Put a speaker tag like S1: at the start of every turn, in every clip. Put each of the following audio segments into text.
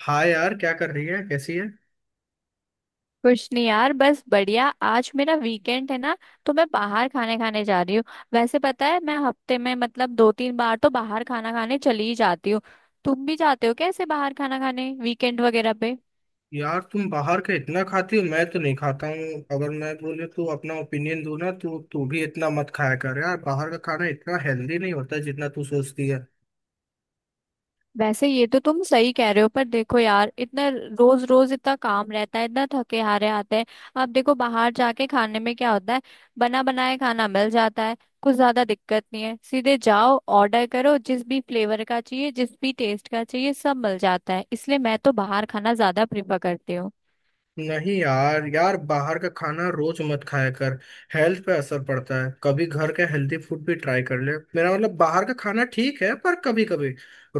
S1: हाँ यार, क्या कर रही है? कैसी है?
S2: कुछ नहीं यार, बस बढ़िया। आज मेरा वीकेंड है ना तो मैं बाहर खाने खाने जा रही हूँ। वैसे पता है मैं हफ्ते में मतलब दो तीन बार तो बाहर खाना खाने चली ही जाती हूँ। तुम भी जाते हो क्या ऐसे बाहर खाना खाने वीकेंड वगैरह पे?
S1: यार, तुम बाहर का इतना खाती हो, मैं तो नहीं खाता हूँ। अगर मैं बोले तो अपना ओपिनियन दूँ ना, तो तू भी इतना मत खाया कर यार। बाहर का खाना इतना हेल्दी नहीं होता जितना तू सोचती है।
S2: वैसे ये तो तुम सही कह रहे हो, पर देखो यार, इतना रोज रोज इतना काम रहता है, इतना थके हारे आते हैं। अब देखो बाहर जाके खाने में क्या होता है? बना बनाया खाना मिल जाता है। कुछ ज्यादा दिक्कत नहीं है, सीधे जाओ ऑर्डर करो, जिस भी फ्लेवर का चाहिए जिस भी टेस्ट का चाहिए सब मिल जाता है, इसलिए मैं तो बाहर खाना ज्यादा प्रीफर करती हूँ।
S1: नहीं यार यार बाहर का खाना रोज मत खाया कर। हेल्थ पे असर पड़ता है। कभी घर का हेल्दी फूड भी ट्राई कर ले। मेरा मतलब, बाहर का खाना ठीक है पर कभी कभी।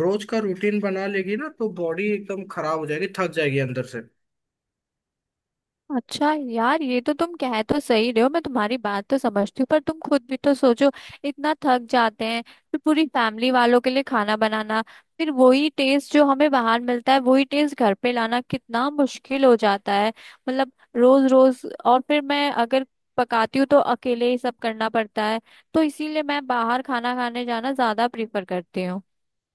S1: रोज का रूटीन बना लेगी ना तो बॉडी एकदम खराब हो जाएगी, थक जाएगी अंदर से।
S2: अच्छा यार, ये तो तुम कह तो सही रहे हो, मैं तुम्हारी बात तो समझती हूँ, पर तुम खुद भी तो सोचो। इतना थक जाते हैं, फिर पूरी फैमिली वालों के लिए खाना बनाना, फिर वही टेस्ट जो हमें बाहर मिलता है वही टेस्ट घर पे लाना कितना मुश्किल हो जाता है। मतलब रोज रोज। और फिर मैं अगर पकाती हूँ तो अकेले ही सब करना पड़ता है। तो इसीलिए मैं बाहर खाना खाने जाना ज्यादा प्रीफर करती हूँ।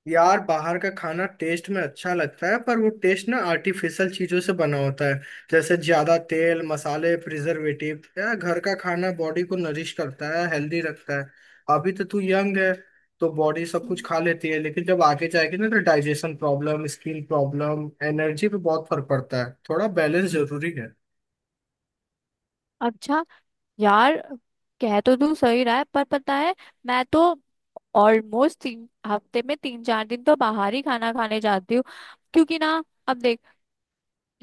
S1: यार, बाहर का खाना टेस्ट में अच्छा लगता है, पर वो टेस्ट ना आर्टिफिशियल चीजों से बना होता है। जैसे ज्यादा तेल, मसाले, प्रिजर्वेटिव। यार, घर का खाना बॉडी को नरिश करता है, हेल्दी रखता है। अभी तो तू यंग है, तो बॉडी सब कुछ
S2: हम्म।
S1: खा लेती है। लेकिन जब आगे जाएगी ना, तो digestion problem, skin problem, energy पे बहुत फर्क पड़ता है। थोड़ा बैलेंस जरूरी है।
S2: अच्छा यार, कह तो तू सही रहा है, पर पता है मैं तो ऑलमोस्ट तीन हफ्ते में तीन चार दिन तो बाहर ही खाना खाने जाती हूँ। क्योंकि ना, अब देख,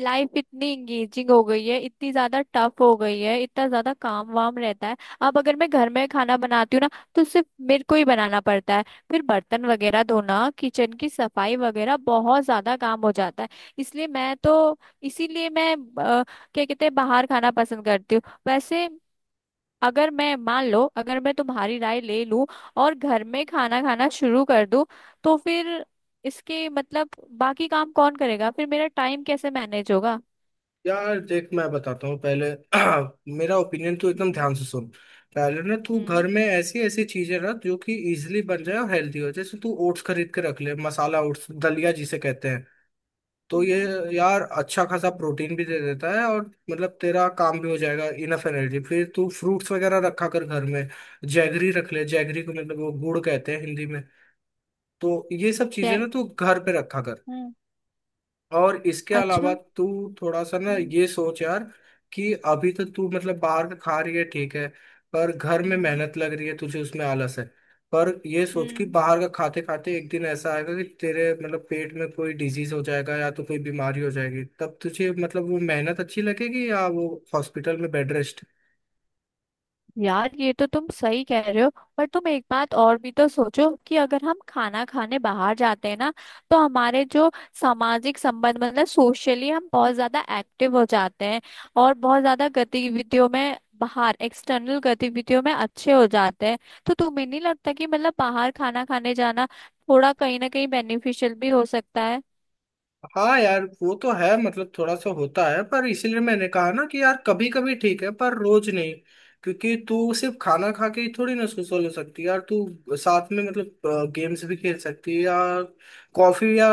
S2: लाइफ इतनी इंगेजिंग हो गई है, इतनी ज्यादा टफ हो गई है, इतना ज्यादा काम वाम रहता है। अब अगर मैं घर में खाना बनाती हूँ ना तो सिर्फ मेरे को ही बनाना पड़ता है। फिर बर्तन वगैरह धोना, किचन की सफाई वगैरह बहुत ज्यादा काम हो जाता है। इसलिए मैं तो इसीलिए मैं क्या कहते हैं बाहर खाना पसंद करती हूँ। वैसे, अगर मैं मान लो, अगर मैं तुम्हारी राय ले लूं और घर में खाना खाना शुरू कर दूं, तो फिर इसके मतलब बाकी काम कौन करेगा? फिर मेरा टाइम कैसे मैनेज होगा?
S1: यार देख, मैं बताता हूँ पहले मेरा ओपिनियन, तू एकदम
S2: हम्म।
S1: ध्यान से सुन। पहले ना, तू घर
S2: हम्म।
S1: में ऐसी ऐसी चीजें रख जो कि इजीली बन जाए और हेल्दी हो। जैसे तू ओट्स खरीद के रख ले, मसाला ओट्स, दलिया जिसे कहते हैं। तो ये
S2: हम्म।
S1: यार अच्छा खासा प्रोटीन भी दे देता है, और मतलब तेरा काम भी हो जाएगा, इनफ एनर्जी। फिर तू फ्रूट्स वगैरह रखा कर घर में। जैगरी रख ले। जैगरी को मतलब वो गुड़ कहते हैं हिंदी में। तो ये सब चीजें
S2: क्या-
S1: ना तू घर पे रखा कर।
S2: हम्म।
S1: और इसके अलावा
S2: अच्छा।
S1: तू थोड़ा सा ना
S2: हम्म।
S1: ये सोच यार, कि अभी तो तू मतलब बाहर का खा रही है, ठीक है। पर घर में
S2: हम्म।
S1: मेहनत लग रही है तुझे, उसमें आलस है। पर ये सोच कि
S2: हम्म।
S1: बाहर का खाते खाते एक दिन ऐसा आएगा कि तेरे मतलब पेट में कोई डिजीज हो जाएगा, या तो कोई बीमारी हो जाएगी। तब तुझे मतलब वो मेहनत अच्छी लगेगी या वो हॉस्पिटल में बेड रेस्ट।
S2: यार ये तो तुम सही कह रहे हो, पर तुम एक बात और भी तो सोचो कि अगर हम खाना खाने बाहर जाते हैं ना तो हमारे जो सामाजिक संबंध, मतलब सोशली हम बहुत ज्यादा एक्टिव हो जाते हैं, और बहुत ज्यादा गतिविधियों में, बाहर एक्सटर्नल गतिविधियों में अच्छे हो जाते हैं। तो तुम्हें नहीं लगता कि मतलब बाहर खाना खाने जाना थोड़ा कहीं ना कहीं बेनिफिशियल भी हो सकता है?
S1: हाँ यार, वो तो है, मतलब थोड़ा सा होता है। पर इसीलिए मैंने कहा ना कि यार, कभी कभी ठीक है पर रोज नहीं। क्योंकि तू सिर्फ खाना खा के ही थोड़ी ना सुसो हो सकती है यार। तू साथ में मतलब गेम्स भी खेल सकती है, या कॉफी, या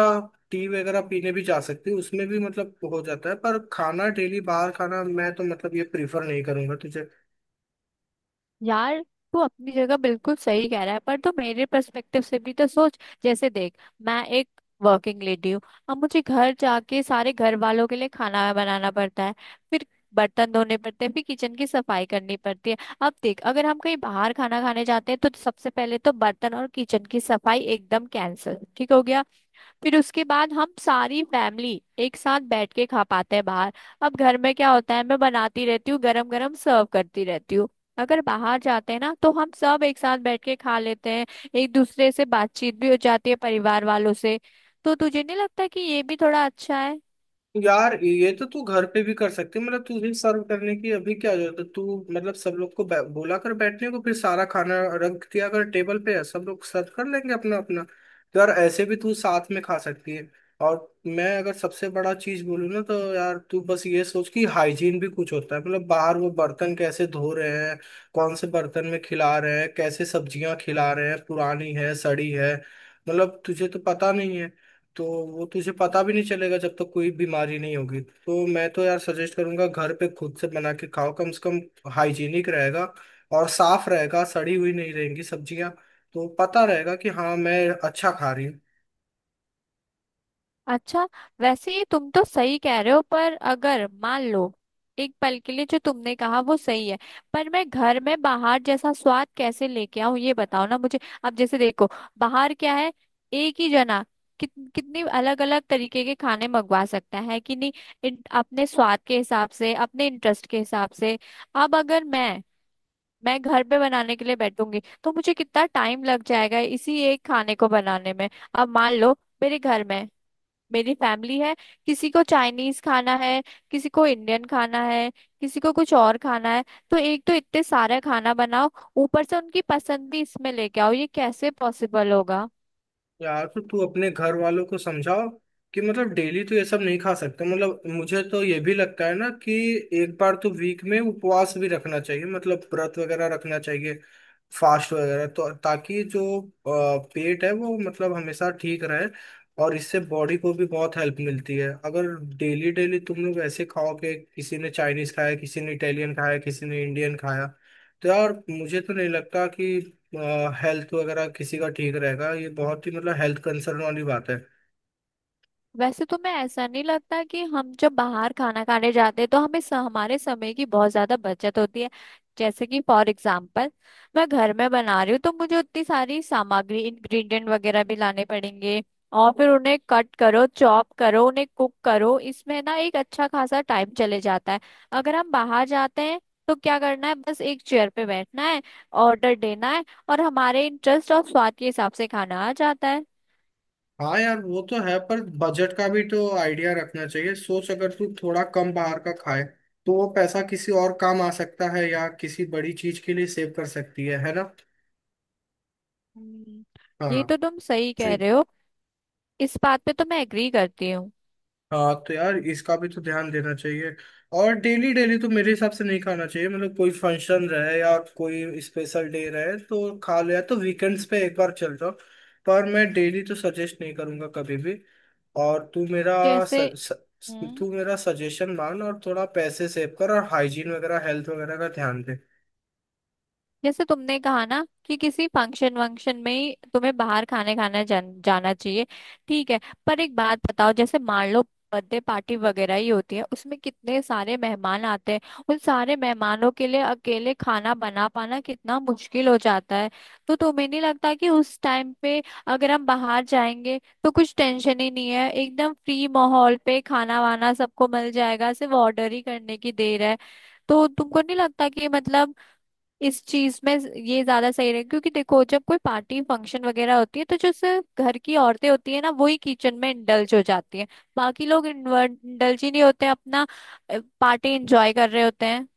S1: टी वगैरह पीने भी जा सकती है, उसमें भी मतलब हो जाता है। पर खाना डेली, बाहर खाना मैं तो मतलब ये प्रीफर नहीं करूंगा तुझे।
S2: यार, तू अपनी जगह बिल्कुल सही कह रहा है, पर तो मेरे पर्सपेक्टिव से भी तो सोच। जैसे देख, मैं एक वर्किंग लेडी हूँ। अब मुझे घर जाके सारे घर वालों के लिए खाना बनाना पड़ता है। फिर बर्तन धोने पड़ते हैं, फिर किचन की सफाई करनी पड़ती है। अब देख, अगर हम कहीं बाहर खाना खाने जाते हैं तो सबसे पहले तो बर्तन और किचन की सफाई एकदम कैंसिल, ठीक हो गया। फिर उसके बाद हम सारी फैमिली एक साथ बैठ के खा पाते हैं बाहर। अब घर में क्या होता है, मैं बनाती रहती हूँ, गरम गरम सर्व करती रहती हूँ। अगर बाहर जाते हैं ना तो हम सब एक साथ बैठ के खा लेते हैं, एक दूसरे से बातचीत भी हो जाती है परिवार वालों से। तो तुझे नहीं लगता कि ये भी थोड़ा अच्छा है?
S1: यार, ये तो तू घर पे भी कर सकती है। मतलब तुझे सर्व करने की अभी क्या जरूरत है? तू मतलब सब लोग को बोला कर बैठने को, फिर सारा खाना रख दिया कर टेबल पे, सब लोग सर्व कर लेंगे अपना अपना। तो यार, ऐसे भी तू साथ में खा सकती है। और मैं अगर सबसे बड़ा चीज बोलूँ ना, तो यार, तू बस ये सोच कि हाइजीन भी कुछ होता है। मतलब बाहर वो बर्तन कैसे धो रहे हैं? कौन से बर्तन में खिला रहे हैं? कैसे सब्जियां खिला रहे हैं? पुरानी है, सड़ी है। मतलब तुझे तो पता नहीं है। तो वो तुझे पता भी नहीं चलेगा जब तक कोई बीमारी नहीं होगी। तो मैं तो यार सजेस्ट करूंगा, घर पे खुद से बना के खाओ। कम से कम हाइजीनिक रहेगा, और साफ रहेगा, सड़ी हुई नहीं रहेंगी सब्जियां। तो पता रहेगा कि हाँ, मैं अच्छा खा रही हूँ।
S2: अच्छा, वैसे ही तुम तो सही कह रहे हो, पर अगर मान लो एक पल के लिए जो तुमने कहा वो सही है, पर मैं घर में बाहर जैसा स्वाद कैसे लेके आऊं, ये बताओ ना मुझे। अब जैसे देखो बाहर क्या है? एक ही जना कितनी अलग अलग तरीके के खाने मंगवा सकता है कि नहीं? अपने स्वाद के हिसाब से अपने इंटरेस्ट के हिसाब से। अब अगर मैं घर पे बनाने के लिए बैठूंगी तो मुझे कितना टाइम लग जाएगा इसी एक खाने को बनाने में। अब मान लो मेरे घर में मेरी फैमिली है, किसी को चाइनीज खाना है, किसी को इंडियन खाना है, किसी को कुछ और खाना है। तो एक तो इतने सारा खाना बनाओ, ऊपर से उनकी पसंद भी इसमें लेके आओ, ये कैसे पॉसिबल होगा?
S1: यार तो तू अपने घर वालों को समझाओ कि मतलब डेली तो ये सब नहीं खा सकते। मतलब मुझे तो ये भी लगता है ना कि एक बार तो वीक में उपवास भी रखना चाहिए, मतलब व्रत वगैरह रखना चाहिए, फास्ट वगैरह। तो ताकि जो पेट है वो मतलब हमेशा ठीक रहे। और इससे बॉडी को भी बहुत हेल्प मिलती है। अगर डेली डेली तुम लोग ऐसे खाओ कि किसी ने चाइनीज खाया, किसी ने इटालियन खाया, किसी ने इंडियन खाया, तो यार मुझे तो नहीं लगता कि हेल्थ वगैरह किसी का ठीक रहेगा। ये बहुत ही मतलब हेल्थ कंसर्न वाली बात है।
S2: वैसे तुम्हें ऐसा नहीं लगता कि हम जब बाहर खाना खाने जाते हैं तो हमें हमारे समय की बहुत ज्यादा बचत होती है? जैसे कि फॉर एग्जाम्पल, मैं घर में बना रही हूँ तो मुझे उतनी सारी सामग्री इंग्रेडिएंट वगैरह भी लाने पड़ेंगे, और फिर उन्हें कट करो, चॉप करो, उन्हें कुक करो, इसमें ना एक अच्छा खासा टाइम चले जाता है। अगर हम बाहर जाते हैं तो क्या करना है, बस एक चेयर पे बैठना है, ऑर्डर देना है, और हमारे इंटरेस्ट और स्वाद के हिसाब से खाना आ जाता है।
S1: हाँ यार, वो तो है, पर बजट का भी तो आइडिया रखना चाहिए। सोच, अगर तू थोड़ा कम बाहर का खाए तो वो पैसा किसी और काम आ सकता है, या किसी बड़ी चीज के लिए सेव कर सकती है ना?
S2: हम्म, ये तो तुम सही
S1: हाँ।
S2: कह रहे हो। इस बात पे तो मैं एग्री करती हूँ।
S1: हाँ, तो यार इसका भी तो ध्यान देना चाहिए। और डेली डेली तो मेरे हिसाब से नहीं खाना चाहिए। मतलब कोई फंक्शन रहे या कोई स्पेशल डे रहे तो खा लिया, तो वीकेंड्स पे एक बार चल जाओ। पर मैं डेली तो सजेस्ट नहीं करूँगा कभी भी। और स,
S2: जैसे
S1: स,
S2: हम्म।
S1: तू मेरा सजेशन मान, और थोड़ा पैसे सेव कर, और हाइजीन वगैरह हेल्थ वगैरह का ध्यान दे।
S2: जैसे तुमने कहा ना कि किसी फंक्शन वंक्शन में ही तुम्हें बाहर खाने खाने जाना चाहिए। ठीक है। पर एक बात बताओ, जैसे मान लो बर्थडे पार्टी वगैरह ही होती है उसमें कितने सारे मेहमान आते हैं, उन सारे मेहमानों के लिए अकेले खाना बना पाना कितना मुश्किल हो जाता है। तो तुम्हें नहीं लगता कि उस टाइम पे अगर हम बाहर जाएंगे तो कुछ टेंशन ही नहीं है, एकदम फ्री माहौल पे खाना वाना सबको मिल जाएगा, सिर्फ ऑर्डर ही करने की देर है। तो तुमको नहीं लगता कि मतलब इस चीज में ये ज्यादा सही रहेगा? क्योंकि देखो, जब कोई पार्टी फंक्शन वगैरह होती है तो जो सिर्फ घर की औरतें होती है ना वही किचन में इंडल्ज हो जाती है, बाकी लोग इंडल्ज ही नहीं होते, अपना पार्टी एंजॉय कर रहे होते हैं।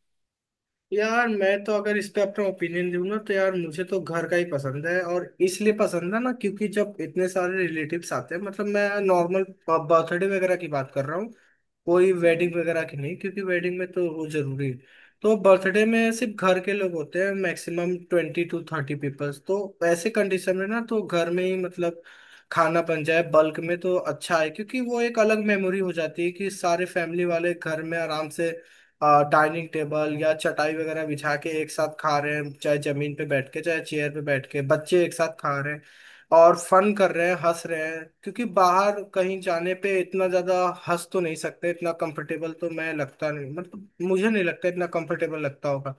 S1: यार मैं तो अगर इस पे अपना ओपिनियन दूं ना, तो यार मुझे तो घर का ही पसंद है, और इसलिए पसंद है ना क्योंकि जब इतने सारे रिलेटिव्स आते हैं। मतलब मैं नॉर्मल बर्थडे वगैरह की बात कर रहा हूँ, कोई
S2: हम्म।
S1: वेडिंग वगैरह की नहीं, क्योंकि वेडिंग में तो वो जरूरी है। तो बर्थडे में
S2: हम्म।
S1: सिर्फ घर के लोग होते हैं, मैक्सिमम 20-30 पीपल्स, तो ऐसे कंडीशन में ना, तो घर में ही मतलब खाना बन जाए बल्क में तो अच्छा है। क्योंकि वो एक अलग मेमोरी हो जाती है कि सारे फैमिली वाले घर में आराम से डाइनिंग टेबल या चटाई वगैरह बिछा के एक साथ खा रहे हैं, चाहे जमीन पे बैठ के, चाहे चेयर पे बैठ के, बच्चे एक साथ खा रहे हैं, और फन कर रहे हैं, हंस रहे हैं। क्योंकि बाहर कहीं जाने पे इतना ज्यादा हंस तो नहीं सकते, इतना कंफर्टेबल तो मैं लगता नहीं, मतलब मुझे नहीं लगता इतना कंफर्टेबल लगता होगा।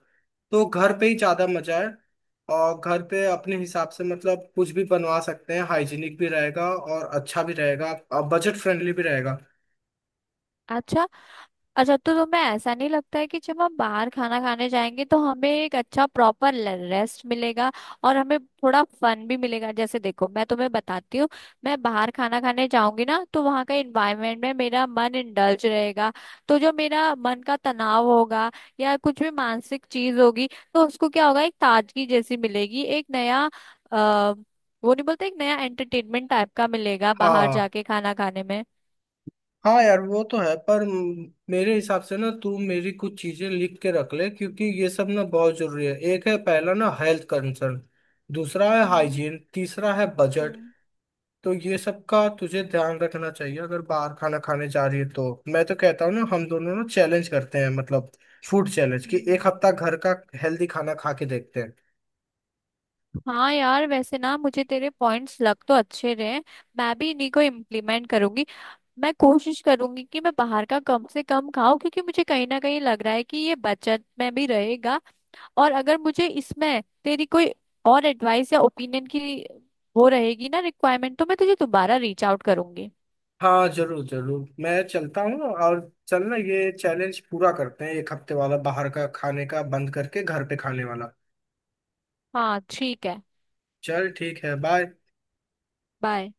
S1: तो घर पे ही ज्यादा मजा है। और घर पे अपने हिसाब से मतलब कुछ भी बनवा सकते हैं, हाइजीनिक भी रहेगा, और अच्छा भी रहेगा, और बजट फ्रेंडली भी रहेगा।
S2: अच्छा। अच्छा, तो तुम्हें ऐसा नहीं लगता है कि जब हम बाहर खाना खाने जाएंगे तो हमें एक अच्छा प्रॉपर रेस्ट मिलेगा और हमें थोड़ा फन भी मिलेगा? जैसे देखो, मैं तुम्हें बताती हूँ, मैं बाहर खाना खाने जाऊंगी ना तो वहाँ का इन्वायरमेंट में मेरा मन इंडल्ज रहेगा। तो जो मेरा मन का तनाव होगा, या कुछ भी मानसिक चीज होगी, तो उसको क्या होगा, एक ताजगी जैसी मिलेगी, एक नया आ, वो नहीं बोलते, एक नया एंटरटेनमेंट टाइप का मिलेगा बाहर
S1: हाँ
S2: जाके खाना खाने में।
S1: हाँ यार, वो तो है। पर मेरे हिसाब से ना तू मेरी कुछ चीजें लिख के रख ले, क्योंकि ये सब ना बहुत जरूरी है। एक है पहला ना हेल्थ कंसर्न, दूसरा है
S2: हम्म।
S1: हाइजीन, तीसरा है बजट। तो ये सब का तुझे ध्यान रखना चाहिए अगर बाहर खाना खाने जा रही है। तो मैं तो कहता हूँ ना, हम दोनों ना चैलेंज करते हैं, मतलब फूड चैलेंज, कि
S2: हम्म।
S1: एक हफ्ता घर का हेल्दी खाना खा के देखते हैं।
S2: हाँ यार, वैसे ना मुझे तेरे पॉइंट्स लग तो अच्छे रहे हैं। मैं भी इन्हीं को इम्प्लीमेंट करूंगी। मैं कोशिश करूंगी कि मैं बाहर का कम से कम खाऊं, क्योंकि मुझे कहीं ना कहीं लग रहा है कि ये बचत में भी रहेगा। और अगर मुझे इसमें तेरी कोई और एडवाइस या ओपिनियन की, वो रहेगी ना, रिक्वायरमेंट, तो मैं तुझे दोबारा रीच आउट करूंगी।
S1: हाँ, जरूर जरूर, मैं चलता हूँ। और चल ना, ये चैलेंज पूरा करते हैं एक हफ्ते वाला, बाहर का खाने का बंद करके घर पे खाने वाला।
S2: हाँ ठीक है।
S1: चल, ठीक है, बाय।
S2: बाय।